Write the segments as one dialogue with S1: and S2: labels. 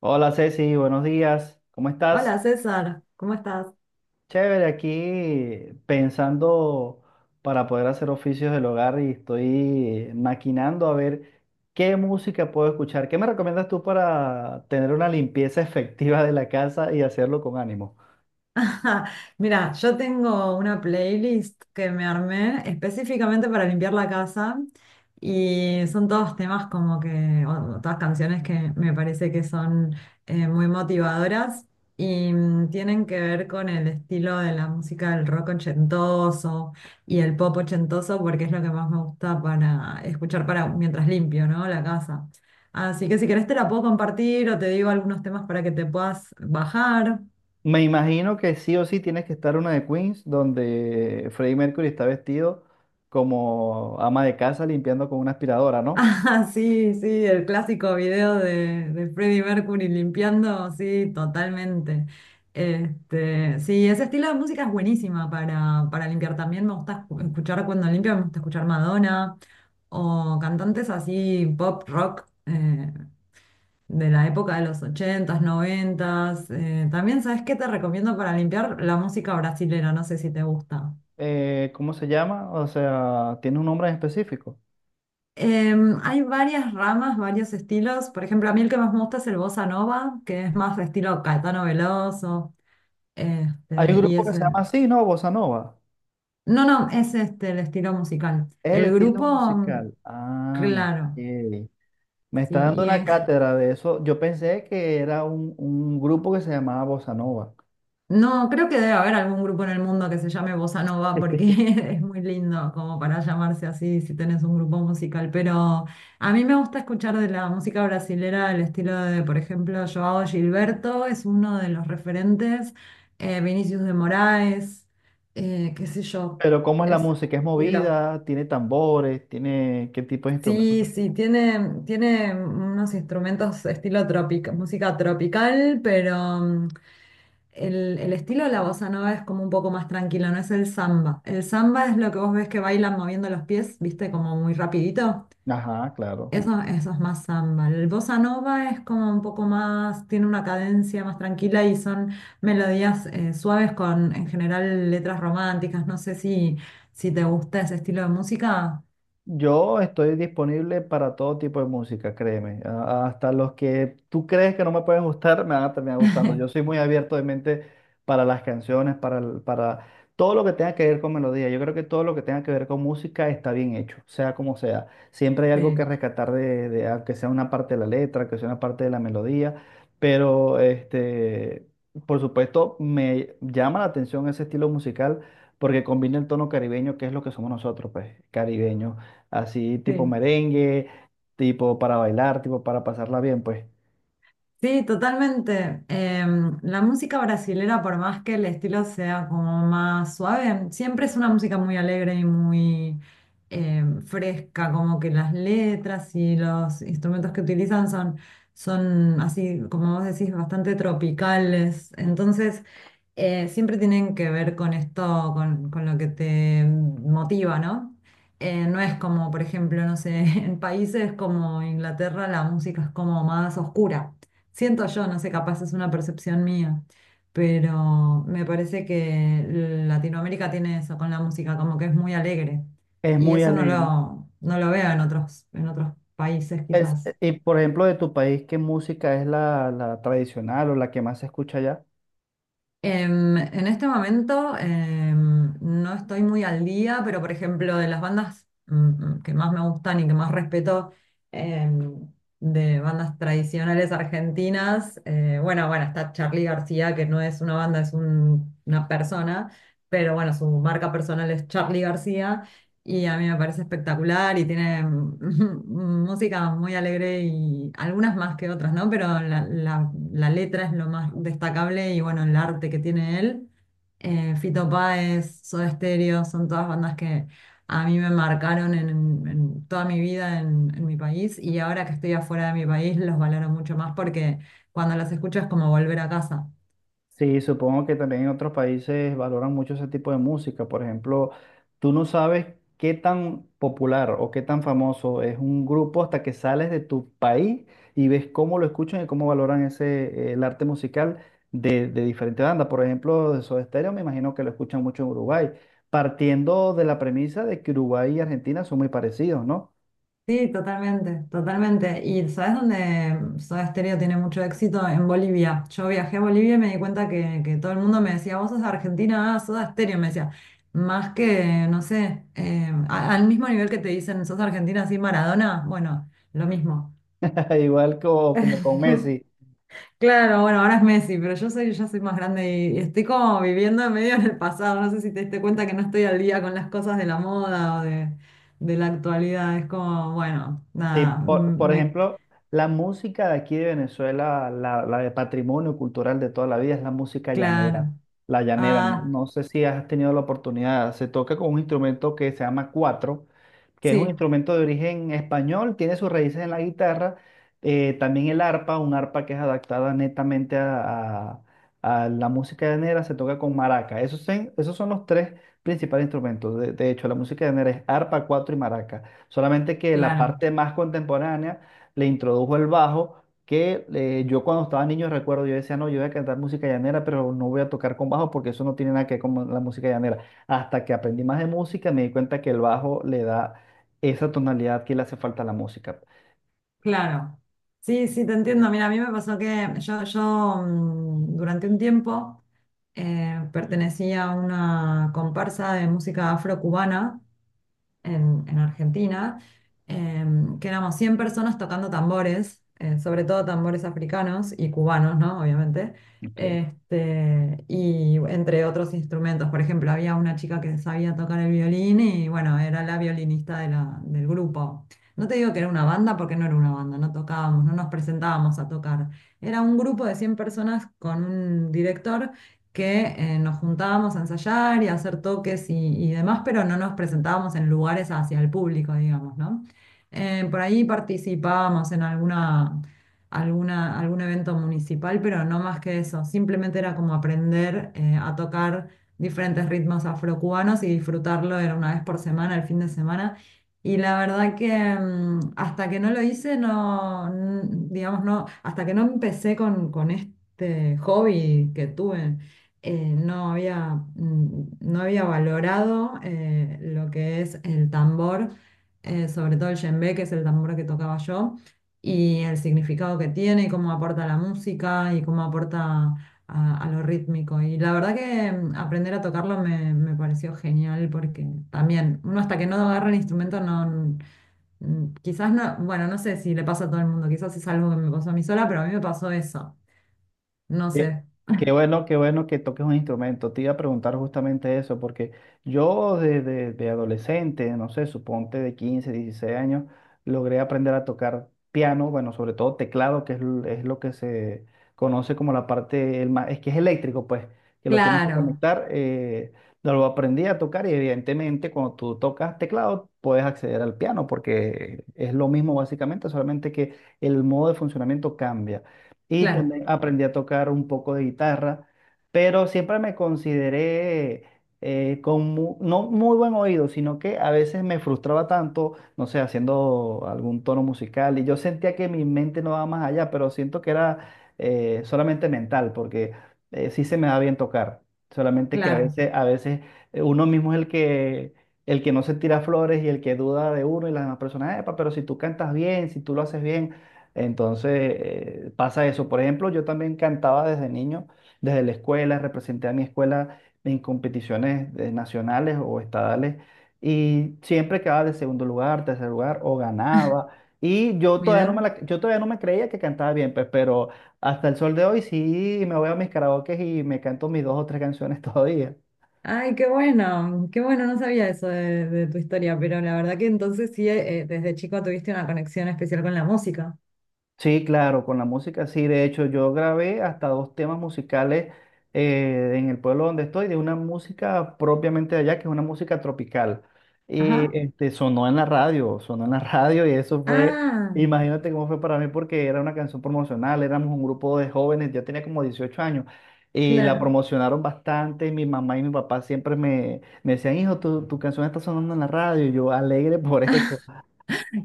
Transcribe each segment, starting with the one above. S1: Hola Ceci, buenos días. ¿Cómo estás?
S2: Hola César, ¿cómo estás?
S1: Chévere, aquí pensando para poder hacer oficios del hogar y estoy maquinando a ver qué música puedo escuchar. ¿Qué me recomiendas tú para tener una limpieza efectiva de la casa y hacerlo con ánimo?
S2: Ajá. Mira, yo tengo una playlist que me armé específicamente para limpiar la casa y son todos temas como que, o todas canciones que me parece que son muy motivadoras y tienen que ver con el estilo de la música del rock ochentoso y el pop ochentoso porque es lo que más me gusta para escuchar para mientras limpio, ¿no? La casa. Así que si querés te la puedo compartir o te digo algunos temas para que te puedas bajar.
S1: Me imagino que sí o sí tienes que estar una de Queens donde Freddie Mercury está vestido como ama de casa limpiando con una aspiradora, ¿no?
S2: Ah, sí, sí, el clásico video de Freddie Mercury limpiando, sí, totalmente. Este, sí, ese estilo de música es buenísima para limpiar. También me gusta escuchar cuando limpio, me gusta escuchar Madonna o cantantes así pop rock de la época de los 80s, 90s. También, ¿sabes qué te recomiendo para limpiar? La música brasilera, no sé si te gusta.
S1: ¿Cómo se llama? O sea, ¿tiene un nombre en específico?
S2: Hay varias ramas, varios estilos. Por ejemplo, a mí el que más me gusta es el bossa nova, que es más estilo Caetano Veloso.
S1: Hay un
S2: Este, y
S1: grupo que se
S2: ese.
S1: llama así, ¿no? Bossa Nova.
S2: No, no, es este el estilo musical.
S1: Es el estilo
S2: Mm,
S1: musical. Ah, ok.
S2: claro.
S1: Me
S2: Sí,
S1: está dando
S2: y
S1: una
S2: en
S1: cátedra de eso. Yo pensé que era un grupo que se llamaba Bossa Nova.
S2: No, creo que debe haber algún grupo en el mundo que se llame Bossa Nova porque es muy lindo como para llamarse así si tenés un grupo musical. Pero a mí me gusta escuchar de la música brasilera el estilo de, por ejemplo, Joao Gilberto es uno de los referentes, Vinicius de Moraes, qué sé yo,
S1: Pero ¿cómo es la
S2: es
S1: música? ¿Es
S2: estilo.
S1: movida? ¿Tiene tambores? ¿Tiene qué tipo de instrumentos?
S2: Sí, sí, tiene unos instrumentos estilo música tropical, pero el estilo de la bossa nova es como un poco más tranquilo, no es el samba. El samba es lo que vos ves que bailan moviendo los pies, viste, como muy rapidito.
S1: Ajá, claro.
S2: Eso es más samba. El bossa nova es como un poco más, tiene una cadencia más tranquila y son melodías suaves con, en general, letras románticas. No sé si, si te gusta ese estilo de música.
S1: Yo estoy disponible para todo tipo de música, créeme. Hasta los que tú crees que no me pueden gustar, me van a terminar gustando. Yo soy muy abierto de mente para las canciones, para todo lo que tenga que ver con melodía. Yo creo que todo lo que tenga que ver con música está bien hecho, sea como sea. Siempre hay algo que
S2: Sí,
S1: rescatar de, aunque sea una parte de la letra, que sea una parte de la melodía, pero este, por supuesto, me llama la atención ese estilo musical porque combina el tono caribeño, que es lo que somos nosotros, pues, caribeños, así tipo
S2: sí.
S1: merengue, tipo para bailar, tipo para pasarla bien, pues.
S2: Sí, totalmente. La música brasilera, por más que el estilo sea como más suave, siempre es una música muy alegre y muy fresca, como que las letras y los instrumentos que utilizan son así, como vos decís, bastante tropicales. Entonces, siempre tienen que ver con esto, con lo que te motiva, ¿no? No es como, por ejemplo, no sé, en países como Inglaterra la música es como más oscura. Siento yo, no sé, capaz es una percepción mía, pero me parece que Latinoamérica tiene eso con la música, como que es muy alegre.
S1: Es
S2: Y
S1: muy
S2: eso no
S1: alegre.
S2: lo, no lo veo en otros países quizás.
S1: Y por ejemplo, de tu país, ¿qué música es la tradicional o la que más se escucha allá?
S2: En este momento no estoy muy al día, pero por ejemplo, de las bandas que más me gustan y que más respeto em, de bandas tradicionales argentinas, bueno, está Charly García, que no es una banda, es una persona, pero bueno, su marca personal es Charly García. Y a mí me parece espectacular y tiene música muy alegre y algunas más que otras, ¿no? Pero la, la letra es lo más destacable y bueno, el arte que tiene él. Fito Páez, Soda Stereo, son todas bandas que a mí me marcaron en toda mi vida en mi país y ahora que estoy afuera de mi país los valoro mucho más porque cuando los escucho es como volver a casa.
S1: Sí, supongo que también en otros países valoran mucho ese tipo de música. Por ejemplo, tú no sabes qué tan popular o qué tan famoso es un grupo hasta que sales de tu país y ves cómo lo escuchan y cómo valoran el arte musical de diferentes bandas. Por ejemplo, de Soda Stereo me imagino que lo escuchan mucho en Uruguay, partiendo de la premisa de que Uruguay y Argentina son muy parecidos, ¿no?
S2: Sí, totalmente, totalmente. Y ¿sabes dónde Soda Stereo tiene mucho éxito? En Bolivia. Yo viajé a Bolivia y me di cuenta que todo el mundo me decía, vos sos de Argentina, ah, Soda Stereo, me decía. Más que, no sé, al mismo nivel que te dicen, sos argentina, así Maradona, bueno, lo mismo.
S1: Igual como con Messi.
S2: Claro, bueno, ahora es Messi, pero yo soy más grande y estoy como viviendo medio en el pasado. No sé si te diste cuenta que no estoy al día con las cosas de la moda o de la actualidad. Es como, bueno,
S1: Sí,
S2: nada,
S1: por,
S2: m-
S1: por
S2: me
S1: ejemplo, la música de aquí de Venezuela, la de patrimonio cultural de toda la vida, es la música llanera.
S2: Claro.
S1: La llanera, no,
S2: Ah,
S1: no sé si has tenido la oportunidad, se toca con un instrumento que se llama cuatro, que es un
S2: sí,
S1: instrumento de origen español, tiene sus raíces en la guitarra, también el arpa, un arpa que es adaptada netamente a la música llanera, se toca con maraca. Esos son los tres principales instrumentos. De hecho, la música llanera es arpa, cuatro y maraca. Solamente que la
S2: claro,
S1: parte más contemporánea le introdujo el bajo, que yo cuando estaba niño recuerdo, yo decía, no, yo voy a cantar música llanera, pero no voy a tocar con bajo porque eso no tiene nada que ver con la música llanera. Hasta que aprendí más de música, me di cuenta que el bajo le da esa tonalidad que le hace falta a la música.
S2: claro. Sí, sí, te entiendo. Mira, a mí me pasó que yo durante un tiempo pertenecía a una comparsa de música afrocubana en Argentina, que éramos 100 personas tocando tambores, sobre todo tambores africanos y cubanos, ¿no? Obviamente.
S1: Ok.
S2: Este, y entre otros instrumentos, por ejemplo, había una chica que sabía tocar el violín y bueno, era la violinista de del grupo. No te digo que era una banda porque no era una banda, no tocábamos, no nos presentábamos a tocar. Era un grupo de 100 personas con un director que nos juntábamos a ensayar y a hacer toques y demás, pero no nos presentábamos en lugares hacia el público, digamos, ¿no? Por ahí participábamos en algún evento municipal, pero no más que eso. Simplemente era como aprender a tocar diferentes ritmos afrocubanos y disfrutarlo era una vez por semana, el fin de semana. Y la verdad que hasta que no lo hice, digamos, no, hasta que no empecé con este hobby que tuve no había, no había valorado lo que es el tambor, sobre todo el djembe, que es el tambor que tocaba yo, y el significado que tiene, y cómo aporta a la música y cómo aporta a lo rítmico. Y la verdad que aprender a tocarlo me, me pareció genial porque también uno hasta que no agarra el instrumento no... Quizás no, bueno, no sé si le pasa a todo el mundo, quizás es algo que me pasó a mí sola, pero a mí me pasó eso. No sé.
S1: Qué, qué bueno, qué bueno que toques un instrumento. Te iba a preguntar justamente eso, porque yo desde de adolescente, no sé, suponte de 15, 16 años, logré aprender a tocar piano, bueno, sobre todo teclado, que es lo que se conoce como la parte, es que es eléctrico, pues, que lo tienes que
S2: Claro,
S1: conectar. Lo aprendí a tocar y evidentemente cuando tú tocas teclado puedes acceder al piano, porque es lo mismo básicamente, solamente que el modo de funcionamiento cambia y
S2: claro,
S1: también aprendí a tocar un poco de guitarra, pero siempre me consideré con no muy buen oído, sino que a veces me frustraba tanto, no sé, haciendo algún tono musical y yo sentía que mi mente no daba más allá, pero siento que era solamente mental, porque sí se me da bien tocar, solamente que
S2: claro.
S1: a veces uno mismo es el que... El que no se tira flores y el que duda de uno y las demás personas, "Epa, pero si tú cantas bien, si tú lo haces bien, entonces, pasa eso. Por ejemplo, yo también cantaba desde niño, desde la escuela, representé a mi escuela en competiciones nacionales o estadales y siempre quedaba de segundo lugar, tercer lugar o ganaba. Y yo todavía no me
S2: Mira,
S1: creía que cantaba bien, pues, pero hasta el sol de hoy sí me voy a mis karaokes y me canto mis dos o tres canciones todavía.
S2: ay, qué bueno, no sabía eso de tu historia, pero la verdad que entonces sí, desde chico tuviste una conexión especial con la música.
S1: Sí, claro, con la música sí. De hecho, yo grabé hasta dos temas musicales en el pueblo donde estoy, de una música propiamente de allá, que es una música tropical. Y
S2: Ajá.
S1: este, sonó en la radio, sonó en la radio y eso fue,
S2: Ah,
S1: imagínate cómo fue para mí, porque era una canción promocional, éramos un grupo de jóvenes, yo tenía como 18 años, y la
S2: claro.
S1: promocionaron bastante. Mi mamá y mi papá siempre me decían, hijo, tu canción está sonando en la radio, y yo alegre por eso.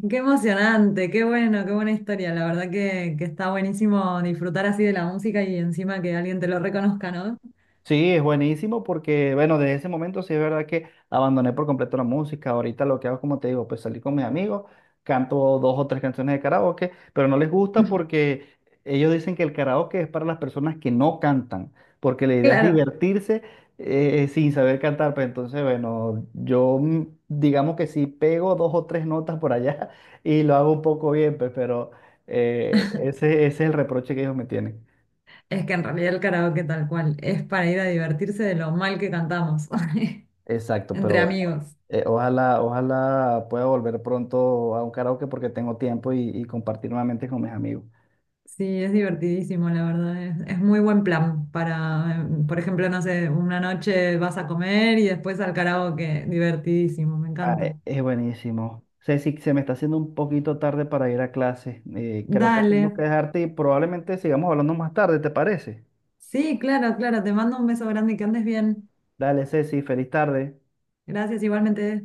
S2: Qué emocionante, qué bueno, qué buena historia. La verdad que está buenísimo disfrutar así de la música y encima que alguien te lo reconozca, ¿no?
S1: Sí, es buenísimo porque, bueno, desde ese momento sí es verdad que abandoné por completo la música. Ahorita lo que hago, como te digo, pues salir con mis amigos, canto dos o tres canciones de karaoke, pero no les gusta porque ellos dicen que el karaoke es para las personas que no cantan, porque la idea es
S2: Claro.
S1: divertirse sin saber cantar. Pues entonces, bueno, yo digamos que sí pego dos o tres notas por allá y lo hago un poco bien, pues, pero ese es el reproche que ellos me tienen.
S2: Es que en realidad el karaoke tal cual es para ir a divertirse de lo mal que cantamos
S1: Exacto, pero
S2: entre
S1: bueno.
S2: amigos.
S1: Ojalá, ojalá pueda volver pronto a un karaoke porque tengo tiempo y compartir nuevamente con mis amigos.
S2: Sí, es divertidísimo, la verdad. Es muy buen plan para, por ejemplo, no sé, una noche vas a comer y después al karaoke. Divertidísimo, me
S1: Ah,
S2: encanta.
S1: es buenísimo. Ceci, se me está haciendo un poquito tarde para ir a clase. Creo que
S2: Dale.
S1: tengo que dejarte y probablemente sigamos hablando más tarde, ¿te parece?
S2: Sí, claro, claro. Te mando un beso grande y que andes bien.
S1: Dale, Ceci, feliz tarde.
S2: Gracias, igualmente.